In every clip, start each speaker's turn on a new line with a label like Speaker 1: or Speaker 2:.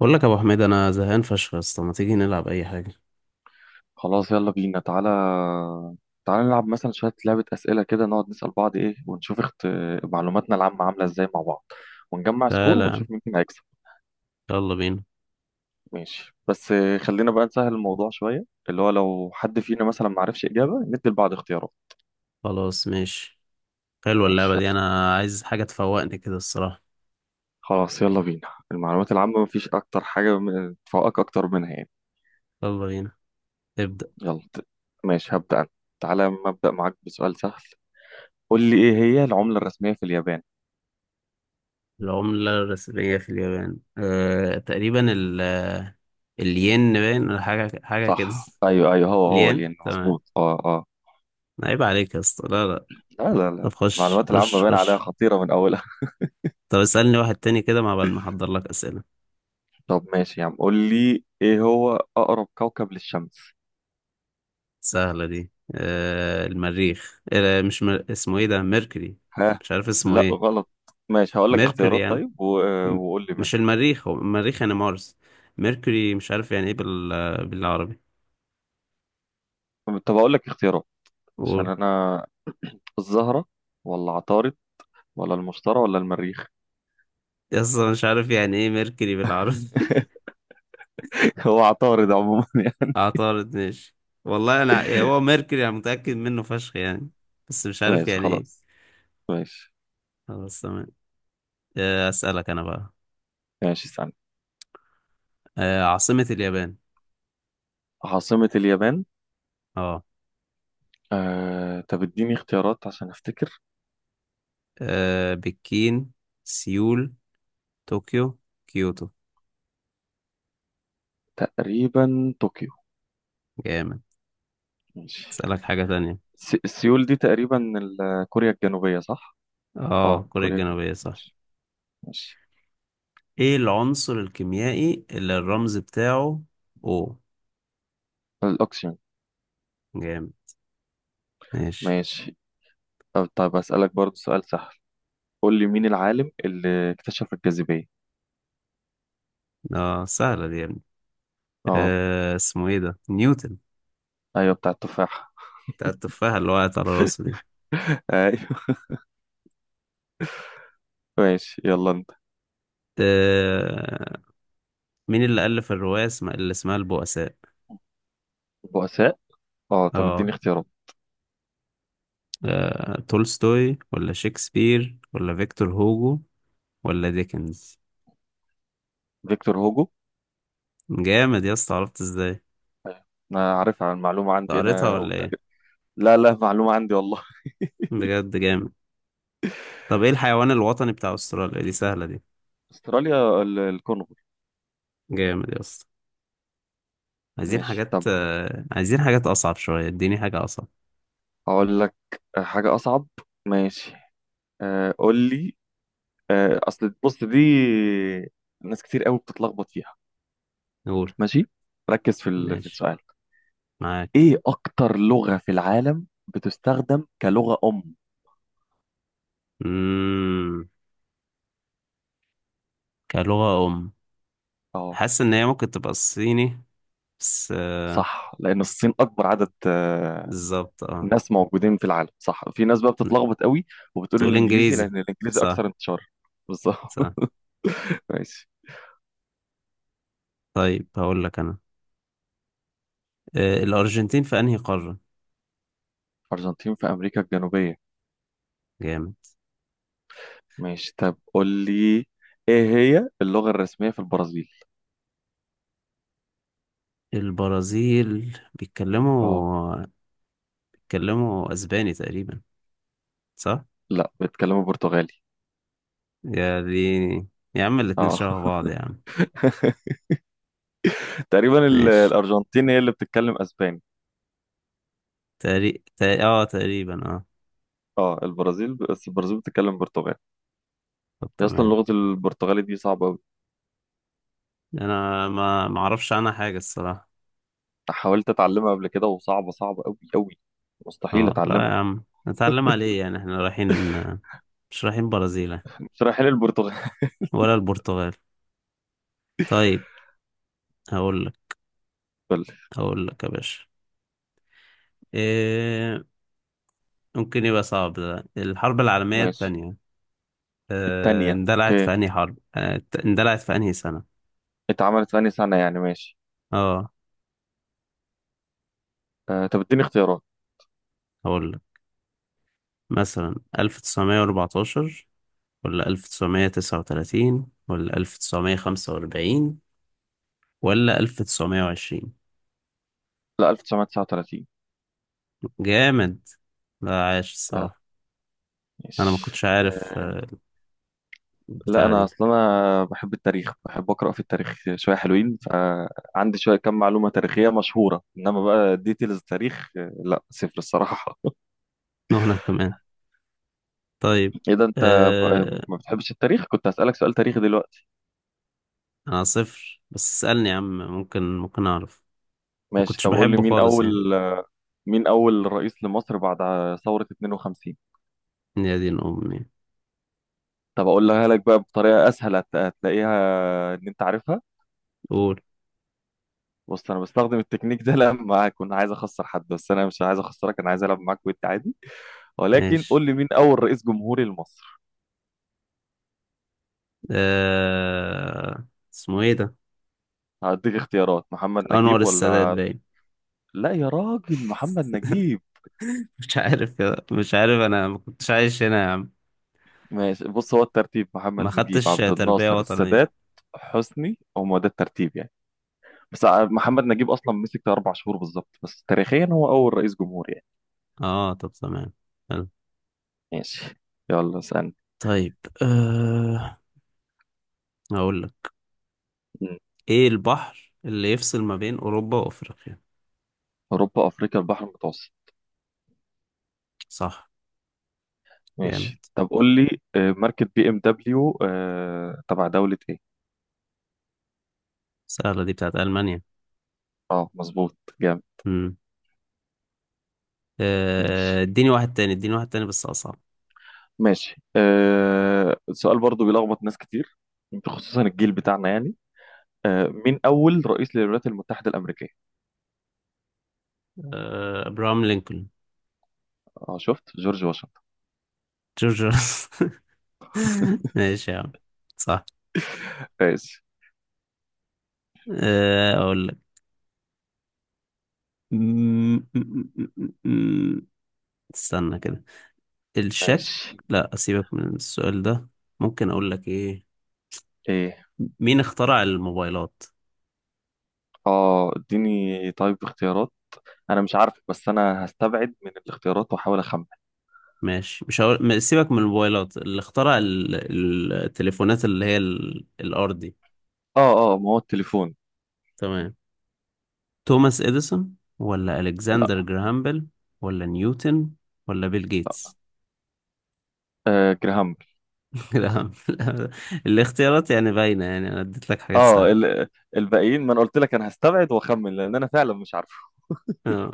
Speaker 1: بقول لك يا ابو حميد انا زهقان فشخ يا اسطى، ما تيجي نلعب اي حاجه؟
Speaker 2: خلاص، يلا بينا. تعالى تعالى نلعب مثلا شوية لعبة أسئلة كده، نقعد نسأل بعض إيه ونشوف معلوماتنا العامة عاملة إزاي مع بعض، ونجمع
Speaker 1: لا
Speaker 2: سكور
Speaker 1: لا يا عم.
Speaker 2: ونشوف مين فينا هيكسب.
Speaker 1: يلا بينا.
Speaker 2: ماشي بس خلينا بقى نسهل الموضوع شوية، اللي هو لو حد فينا مثلا معرفش إجابة ندي لبعض اختيارات.
Speaker 1: خلاص ماشي. حلوه اللعبه
Speaker 2: ماشي،
Speaker 1: دي،
Speaker 2: يلا.
Speaker 1: انا عايز حاجه تفوقني كده الصراحه.
Speaker 2: خلاص يلا بينا، المعلومات العامة مفيش أكتر حاجة تفوقك أكتر منها يعني.
Speaker 1: يلا بينا. ابدا.
Speaker 2: يلا ماشي، هبدأ أنا. تعالى أما أبدأ معاك بسؤال سهل. قول لي، إيه هي العملة الرسمية في اليابان؟
Speaker 1: العمله الرسميه في اليابان تقريبا ال آه، الين باين ولا حاجه كده
Speaker 2: صح، ايوه ايوه، هو هو
Speaker 1: الين
Speaker 2: لين،
Speaker 1: تمام.
Speaker 2: مظبوط، اه اه.
Speaker 1: عيب عليك يا اسطى، لا لا.
Speaker 2: لا لا
Speaker 1: طب
Speaker 2: لا،
Speaker 1: خش
Speaker 2: المعلومات العامة
Speaker 1: خش
Speaker 2: باين عليها
Speaker 1: خش
Speaker 2: خطيرة من أولها.
Speaker 1: طب اسالني واحد تاني كده مع بال ما احضر لك اسئله.
Speaker 2: طب ماشي يا عم، قول لي إيه هو أقرب كوكب للشمس؟
Speaker 1: سهله دي. المريخ. أه مش مر... اسمه ايه ده؟ ميركوري.
Speaker 2: ها.
Speaker 1: مش عارف اسمه
Speaker 2: لا،
Speaker 1: ايه.
Speaker 2: غلط. ماشي، هقول لك
Speaker 1: ميركوري
Speaker 2: اختيارات
Speaker 1: يعني.
Speaker 2: طيب
Speaker 1: م-
Speaker 2: وقول لي منه.
Speaker 1: مش المريخ، هو المريخ يعني مارس. ميركوري مش عارف يعني ايه بالعربي.
Speaker 2: طب هقول لك اختيارات، عشان
Speaker 1: قول.
Speaker 2: أنا. الزهرة ولا عطارد ولا المشتري ولا المريخ؟
Speaker 1: اصلا مش عارف يعني ايه ميركوري بالعربي
Speaker 2: هو عطارد عموما يعني.
Speaker 1: عطارد ماشي. والله انا يعني هو ميركوري انا متأكد منه فشخ يعني، بس مش عارف
Speaker 2: ماشي،
Speaker 1: يعني ايه.
Speaker 2: خلاص. ماشي
Speaker 1: خلاص تمام. اسألك انا بقى.
Speaker 2: ماشي، استنى.
Speaker 1: عاصمة اليابان.
Speaker 2: عاصمة اليابان؟
Speaker 1: اه.
Speaker 2: طب اديني اختيارات عشان أفتكر.
Speaker 1: بكين، سيول، طوكيو، كيوتو.
Speaker 2: تقريبا طوكيو.
Speaker 1: جامد.
Speaker 2: ماشي.
Speaker 1: اسألك حاجة تانية.
Speaker 2: سيول دي تقريبا كوريا الجنوبية، صح؟
Speaker 1: اه
Speaker 2: اه،
Speaker 1: كوريا
Speaker 2: كوريا الجنوبية،
Speaker 1: الجنوبية صح.
Speaker 2: ماشي. ماشي.
Speaker 1: ايه العنصر الكيميائي اللي الرمز بتاعه او.
Speaker 2: الأوكسجين.
Speaker 1: جامد. ماشي.
Speaker 2: ماشي. طب أسألك برضو سؤال سهل، قول لي مين العالم اللي اكتشف الجاذبية؟
Speaker 1: اه سهلة دي يا ابني.
Speaker 2: اه.
Speaker 1: آه اسمه ايه ده؟ نيوتن.
Speaker 2: ايوه، بتاع التفاح.
Speaker 1: بتاع التفاحة اللي وقعت على راسه دي.
Speaker 2: ايوه. ماشي، يلا انت.
Speaker 1: آه، مين اللي ألف الرواية اللي اسمها البؤساء؟
Speaker 2: البؤساء. اه، طب اديني
Speaker 1: اه.
Speaker 2: اختيارات.
Speaker 1: تولستوي ولا شكسبير ولا فيكتور هوجو ولا ديكنز.
Speaker 2: فيكتور هوجو.
Speaker 1: جامد يا اسطى، عرفت ازاي؟
Speaker 2: انا عارف عن المعلومة، عندي
Speaker 1: قريتها
Speaker 2: انا أو
Speaker 1: ولا ايه؟
Speaker 2: تقريبا. لا لا، معلومة عندي والله.
Speaker 1: بجد جامد. طب ايه الحيوان الوطني بتاع استراليا؟ دي سهلة دي.
Speaker 2: استراليا، الكونغو.
Speaker 1: جامد يا اسطى. عايزين
Speaker 2: ماشي،
Speaker 1: حاجات
Speaker 2: طب
Speaker 1: عايزين حاجات أصعب شوية، اديني حاجة أصعب.
Speaker 2: اقول لك حاجة اصعب. ماشي. قول لي. اصل بص، دي ناس كتير قوي بتتلخبط فيها.
Speaker 1: قول.
Speaker 2: ماشي، ركز في في
Speaker 1: ماشي،
Speaker 2: السؤال.
Speaker 1: معاك.
Speaker 2: ايه اكتر لغة في العالم بتستخدم كلغة ام؟
Speaker 1: مم. كلغة أم.
Speaker 2: اه،
Speaker 1: حاسس إن هي ممكن تبقى الصيني، بس آه،
Speaker 2: صح، لان الصين اكبر عدد
Speaker 1: بالظبط اه.
Speaker 2: ناس موجودين في العالم، صح. في ناس بقى
Speaker 1: لا.
Speaker 2: بتتلخبط قوي وبتقول
Speaker 1: تقول
Speaker 2: الانجليزي
Speaker 1: إنجليزي.
Speaker 2: لان الانجليزي
Speaker 1: صح.
Speaker 2: اكثر انتشار. بالظبط.
Speaker 1: صح.
Speaker 2: ماشي.
Speaker 1: طيب هقول لك أنا. الأرجنتين في أنهي قارة؟
Speaker 2: ارجنتين في امريكا الجنوبية.
Speaker 1: جامد.
Speaker 2: ماشي، طب قول لي، ايه هي اللغة الرسمية في البرازيل؟
Speaker 1: البرازيل
Speaker 2: اه.
Speaker 1: بيتكلموا، بيتكلموا أسباني تقريبا، صح؟
Speaker 2: لا، بيتكلموا برتغالي.
Speaker 1: يا ديني، يا عم الاتنين
Speaker 2: اه.
Speaker 1: شبه بعض يا عم.
Speaker 2: تقريبا
Speaker 1: ماشي.
Speaker 2: الارجنتين هي اللي بتتكلم اسباني.
Speaker 1: تقريبا اه.
Speaker 2: اه، البرازيل، بس البرازيل بتتكلم برتغالي.
Speaker 1: طب
Speaker 2: هي اصلا
Speaker 1: تمام.
Speaker 2: لغه البرتغالي دي صعبه قوي.
Speaker 1: انا ما اعرفش عنها حاجه الصراحه.
Speaker 2: حاولت اتعلمها قبل كده وصعبه صعبه قوي قوي، مستحيل
Speaker 1: اه لا يا
Speaker 2: اتعلمها.
Speaker 1: عم، نتعلم على ايه يعني؟ احنا رايحين، مش رايحين برازيل يعني،
Speaker 2: شراحين البرتغال.
Speaker 1: ولا البرتغال. طيب. هقول لك. هقول لك يا باشا، إيه ممكن يبقى صعب ده؟ الحرب العالميه
Speaker 2: ماشي.
Speaker 1: الثانيه، إيه
Speaker 2: التانية،
Speaker 1: اندلعت
Speaker 2: اوكي.
Speaker 1: في انهي حرب اندلعت في انهي سنه؟
Speaker 2: اتعملت في أنهي سنه يعني، ماشي.
Speaker 1: اه
Speaker 2: طب اديني اختيارات.
Speaker 1: هقول لك مثلا 1914 ولا 1939 ولا 1945 ولا 1920.
Speaker 2: لا، 1939.
Speaker 1: جامد، لا عايش
Speaker 2: آه،
Speaker 1: الصراحة. أنا ما
Speaker 2: ماشي.
Speaker 1: كنتش عارف
Speaker 2: لا
Speaker 1: البتاعة
Speaker 2: انا
Speaker 1: دي.
Speaker 2: اصلا انا بحب التاريخ، بحب اقرا في التاريخ شويه، حلوين. فعندي شويه، كم معلومه تاريخيه مشهوره، انما بقى ديتيلز تاريخ لا، صفر الصراحه.
Speaker 1: وأنا كمان. طيب.
Speaker 2: ايه ده، انت
Speaker 1: أه...
Speaker 2: ما بتحبش التاريخ؟ كنت هسالك سؤال تاريخي دلوقتي.
Speaker 1: أنا صفر، بس اسألني يا عم، ممكن ممكن أعرف. ما
Speaker 2: ماشي،
Speaker 1: كنتش
Speaker 2: طب قول لي،
Speaker 1: بحبه
Speaker 2: مين
Speaker 1: خالص
Speaker 2: اول
Speaker 1: يعني.
Speaker 2: مين اول رئيس لمصر بعد ثوره 52؟
Speaker 1: يا دين أمي.
Speaker 2: طب اقولها لك بقى بطريقه اسهل، هتلاقيها ان انت عارفها.
Speaker 1: قول.
Speaker 2: بص، انا بستخدم التكنيك ده لما اكون عايز اخسر حد، بس انا مش عايز اخسرك، انا عايز العب معاك وانت عادي. ولكن قول
Speaker 1: ماشي.
Speaker 2: لي، مين اول رئيس جمهوري لمصر؟
Speaker 1: أه... اسمه إيه ده؟
Speaker 2: هديك اختيارات، محمد
Speaker 1: أنور
Speaker 2: نجيب
Speaker 1: السادات
Speaker 2: ولا.
Speaker 1: باين.
Speaker 2: لا يا راجل، محمد نجيب.
Speaker 1: مش عارف مش عارف، أنا ما كنتش عايش هنا يا عم.
Speaker 2: ماشي، بص هو الترتيب، محمد
Speaker 1: ما
Speaker 2: نجيب،
Speaker 1: خدتش
Speaker 2: عبد
Speaker 1: تربية
Speaker 2: الناصر، السادات،
Speaker 1: وطنية.
Speaker 2: حسني، هم ده الترتيب يعني. بس محمد نجيب اصلا مسك ده 4 شهور بالظبط، بس تاريخيا هو اول رئيس جمهور يعني.
Speaker 1: آه طب تمام. حلو.
Speaker 2: ماشي، يلا اسالني.
Speaker 1: طيب. أه... هقول لك.
Speaker 2: مم.
Speaker 1: ايه البحر اللي يفصل ما بين اوروبا وافريقيا؟
Speaker 2: اوروبا، افريقيا، البحر المتوسط.
Speaker 1: صح. جامد.
Speaker 2: ماشي، طب قول لي، ماركة بي ام دبليو تبع دولة ايه؟
Speaker 1: سهلة دي، بتاعت المانيا.
Speaker 2: اه، مظبوط، جامد.
Speaker 1: امم.
Speaker 2: ماشي
Speaker 1: اديني واحد تاني، اديني واحد تاني بس اصعب.
Speaker 2: ماشي. سؤال برضو بيلخبط ناس كتير، خصوصا الجيل بتاعنا يعني. مين أول رئيس للولايات المتحدة الأمريكية؟
Speaker 1: ابراهام لينكولن.
Speaker 2: اه، شفت، جورج واشنطن.
Speaker 1: جورج واشنطن. ماشي يا عم. صح.
Speaker 2: ماشي.
Speaker 1: اقول لك. م- م- م- م- م- استنى كده. الشك.
Speaker 2: ماشي.
Speaker 1: لا اسيبك من السؤال ده. ممكن اقول لك ايه؟
Speaker 2: ايه.
Speaker 1: مين اخترع الموبايلات؟
Speaker 2: اه، اديني طيب اختيارات. انا مش عارف، بس انا هستبعد من الاختيارات واحاول اخمن.
Speaker 1: ماشي، مش هقول سيبك من الموبايلات، اللي اخترع التليفونات اللي هي الأرضي.
Speaker 2: اه اه، ما هو التليفون.
Speaker 1: تمام. توماس إديسون ولا ألكسندر
Speaker 2: لا.
Speaker 1: جراهام بيل ولا نيوتن ولا بيل جيتس.
Speaker 2: جراهام بيل.
Speaker 1: لا لا، الاختيارات يعني باينة يعني، أنا اديت لك حاجات
Speaker 2: اه،
Speaker 1: سهلة.
Speaker 2: الباقيين. ما انا قلت لك انا هستبعد واخمن لان انا فعلا مش عارفه.
Speaker 1: آه.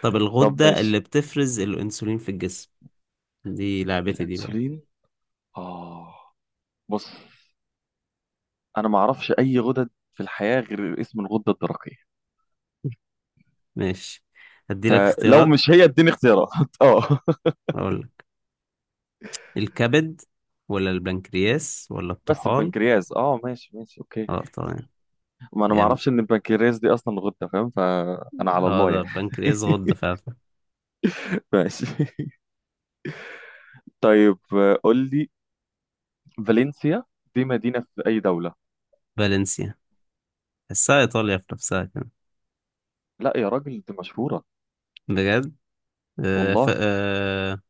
Speaker 1: طب
Speaker 2: طب،
Speaker 1: الغدة اللي
Speaker 2: ماشي.
Speaker 1: بتفرز الأنسولين في الجسم، دي لعبتي دي بقى.
Speaker 2: الانسولين. اه، بص، انا ما اعرفش اي غدد في الحياه غير اسم الغده الدرقيه.
Speaker 1: ماشي، ادي لك
Speaker 2: فلو
Speaker 1: اختيارات.
Speaker 2: مش هي اديني اختيارات. اه،
Speaker 1: أقول لك الكبد ولا البنكرياس ولا
Speaker 2: بس
Speaker 1: الطحال.
Speaker 2: البنكرياس، اه، ماشي ماشي اوكي.
Speaker 1: اه طبعا.
Speaker 2: ما انا ما اعرفش ان البنكرياس دي اصلا غده، فاهم، فانا على
Speaker 1: اه
Speaker 2: الله
Speaker 1: ده
Speaker 2: يعني.
Speaker 1: بنكرياس غدة فعلا.
Speaker 2: ماشي. طيب، قول لي، فالنسيا دي مدينه في اي دوله؟
Speaker 1: فالنسيا. تحسها إيطاليا في نفسها كده.
Speaker 2: لا يا راجل، دي مشهوره،
Speaker 1: بجد. آه ف...
Speaker 2: والله.
Speaker 1: آه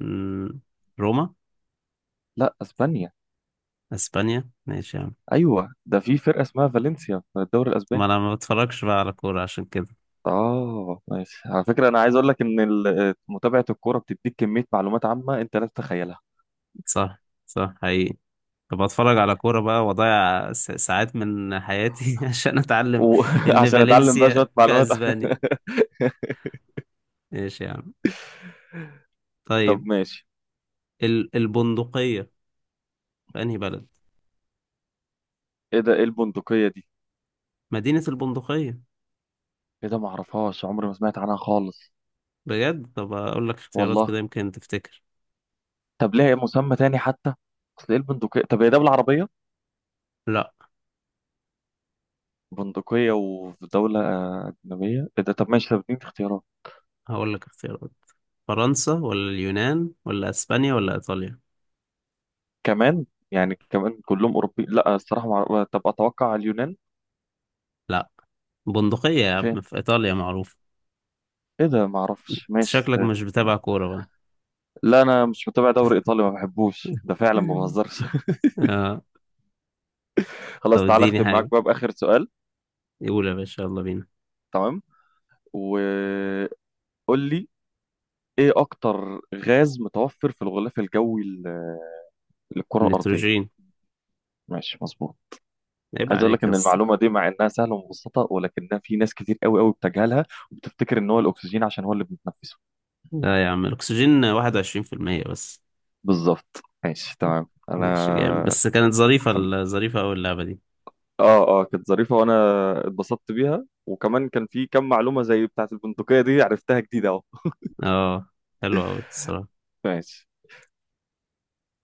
Speaker 1: مم، روما.
Speaker 2: لا، اسبانيا.
Speaker 1: أسبانيا ماشي يا عم.
Speaker 2: ايوه، ده في فرقه اسمها فالنسيا في الدوري
Speaker 1: ما
Speaker 2: الاسباني.
Speaker 1: أنا ما بتفرجش بقى على كورة عشان كده.
Speaker 2: اه، ماشي. على فكره، انا عايز اقول لك ان متابعه الكوره بتديك كميه معلومات عامه انت لا تتخيلها.
Speaker 1: صح صح حقيقي. طب أتفرج على كورة بقى وأضيع ساعات من حياتي عشان أتعلم إن
Speaker 2: وعشان اتعلم بقى شويه
Speaker 1: فالنسيا في
Speaker 2: معلومات.
Speaker 1: أسبانيا. ماشي يا عم.
Speaker 2: طب
Speaker 1: طيب.
Speaker 2: ماشي.
Speaker 1: البندقية في أنهي بلد؟
Speaker 2: ايه ده؟ ايه البندقيه دي؟
Speaker 1: مدينة البندقية.
Speaker 2: ايه ده، ما اعرفهاش، عمري ما سمعت عنها خالص،
Speaker 1: بجد؟ طب أقول لك اختيارات
Speaker 2: والله.
Speaker 1: كده يمكن تفتكر.
Speaker 2: طب ليه مسمى تاني حتى؟ اصل ايه البندقيه؟ طب هي ده بالعربيه
Speaker 1: لا.
Speaker 2: بندقيه، وفي دوله اجنبيه، ايه ده؟ طب ماشي، طب اديني اختيارات
Speaker 1: هقول لك اختيارات: فرنسا ولا اليونان ولا اسبانيا ولا ايطاليا.
Speaker 2: كمان. يعني كمان كلهم اوروبي، لا الصراحه ما أعرف- طب اتوقع اليونان.
Speaker 1: لا. بندقية يا
Speaker 2: فين؟
Speaker 1: عم في ايطاليا، معروف.
Speaker 2: ايه ده، ما اعرفش،
Speaker 1: انت
Speaker 2: ماشي.
Speaker 1: شكلك مش بتابع كورة بقى.
Speaker 2: لا انا مش متابع دوري ايطالي، ما بحبوش ده فعلا، ما بهزرش.
Speaker 1: آه. طب
Speaker 2: خلاص، تعالى
Speaker 1: اديني
Speaker 2: اختم
Speaker 1: حاجة.
Speaker 2: معاك بقى باخر سؤال.
Speaker 1: يقول يا باشا يلا بينا.
Speaker 2: تمام. و قول لي، ايه اكتر غاز متوفر في الغلاف الجوي للكرة الأرضية؟
Speaker 1: النيتروجين.
Speaker 2: ماشي، مظبوط.
Speaker 1: عيب
Speaker 2: عايز اقول لك
Speaker 1: عليك يا
Speaker 2: ان
Speaker 1: اسطى.
Speaker 2: المعلومه دي مع انها سهله ومبسطه ولكنها في ناس كتير قوي قوي بتجهلها، وبتفتكر ان هو الاكسجين عشان هو اللي بنتنفسه.
Speaker 1: لا يا عم، الاكسجين 21% بس.
Speaker 2: بالظبط، ماشي، تمام.
Speaker 1: ماشي جامد،
Speaker 2: انا
Speaker 1: بس كانت ظريفة،
Speaker 2: حب...
Speaker 1: ظريفة أوي اللعبة دي.
Speaker 2: اه اه، كانت ظريفه، وانا اتبسطت بيها، وكمان كان في كم معلومه زي بتاعه البندقيه دي عرفتها جديده اهو.
Speaker 1: اه حلوة أوي الصراحة.
Speaker 2: ماشي.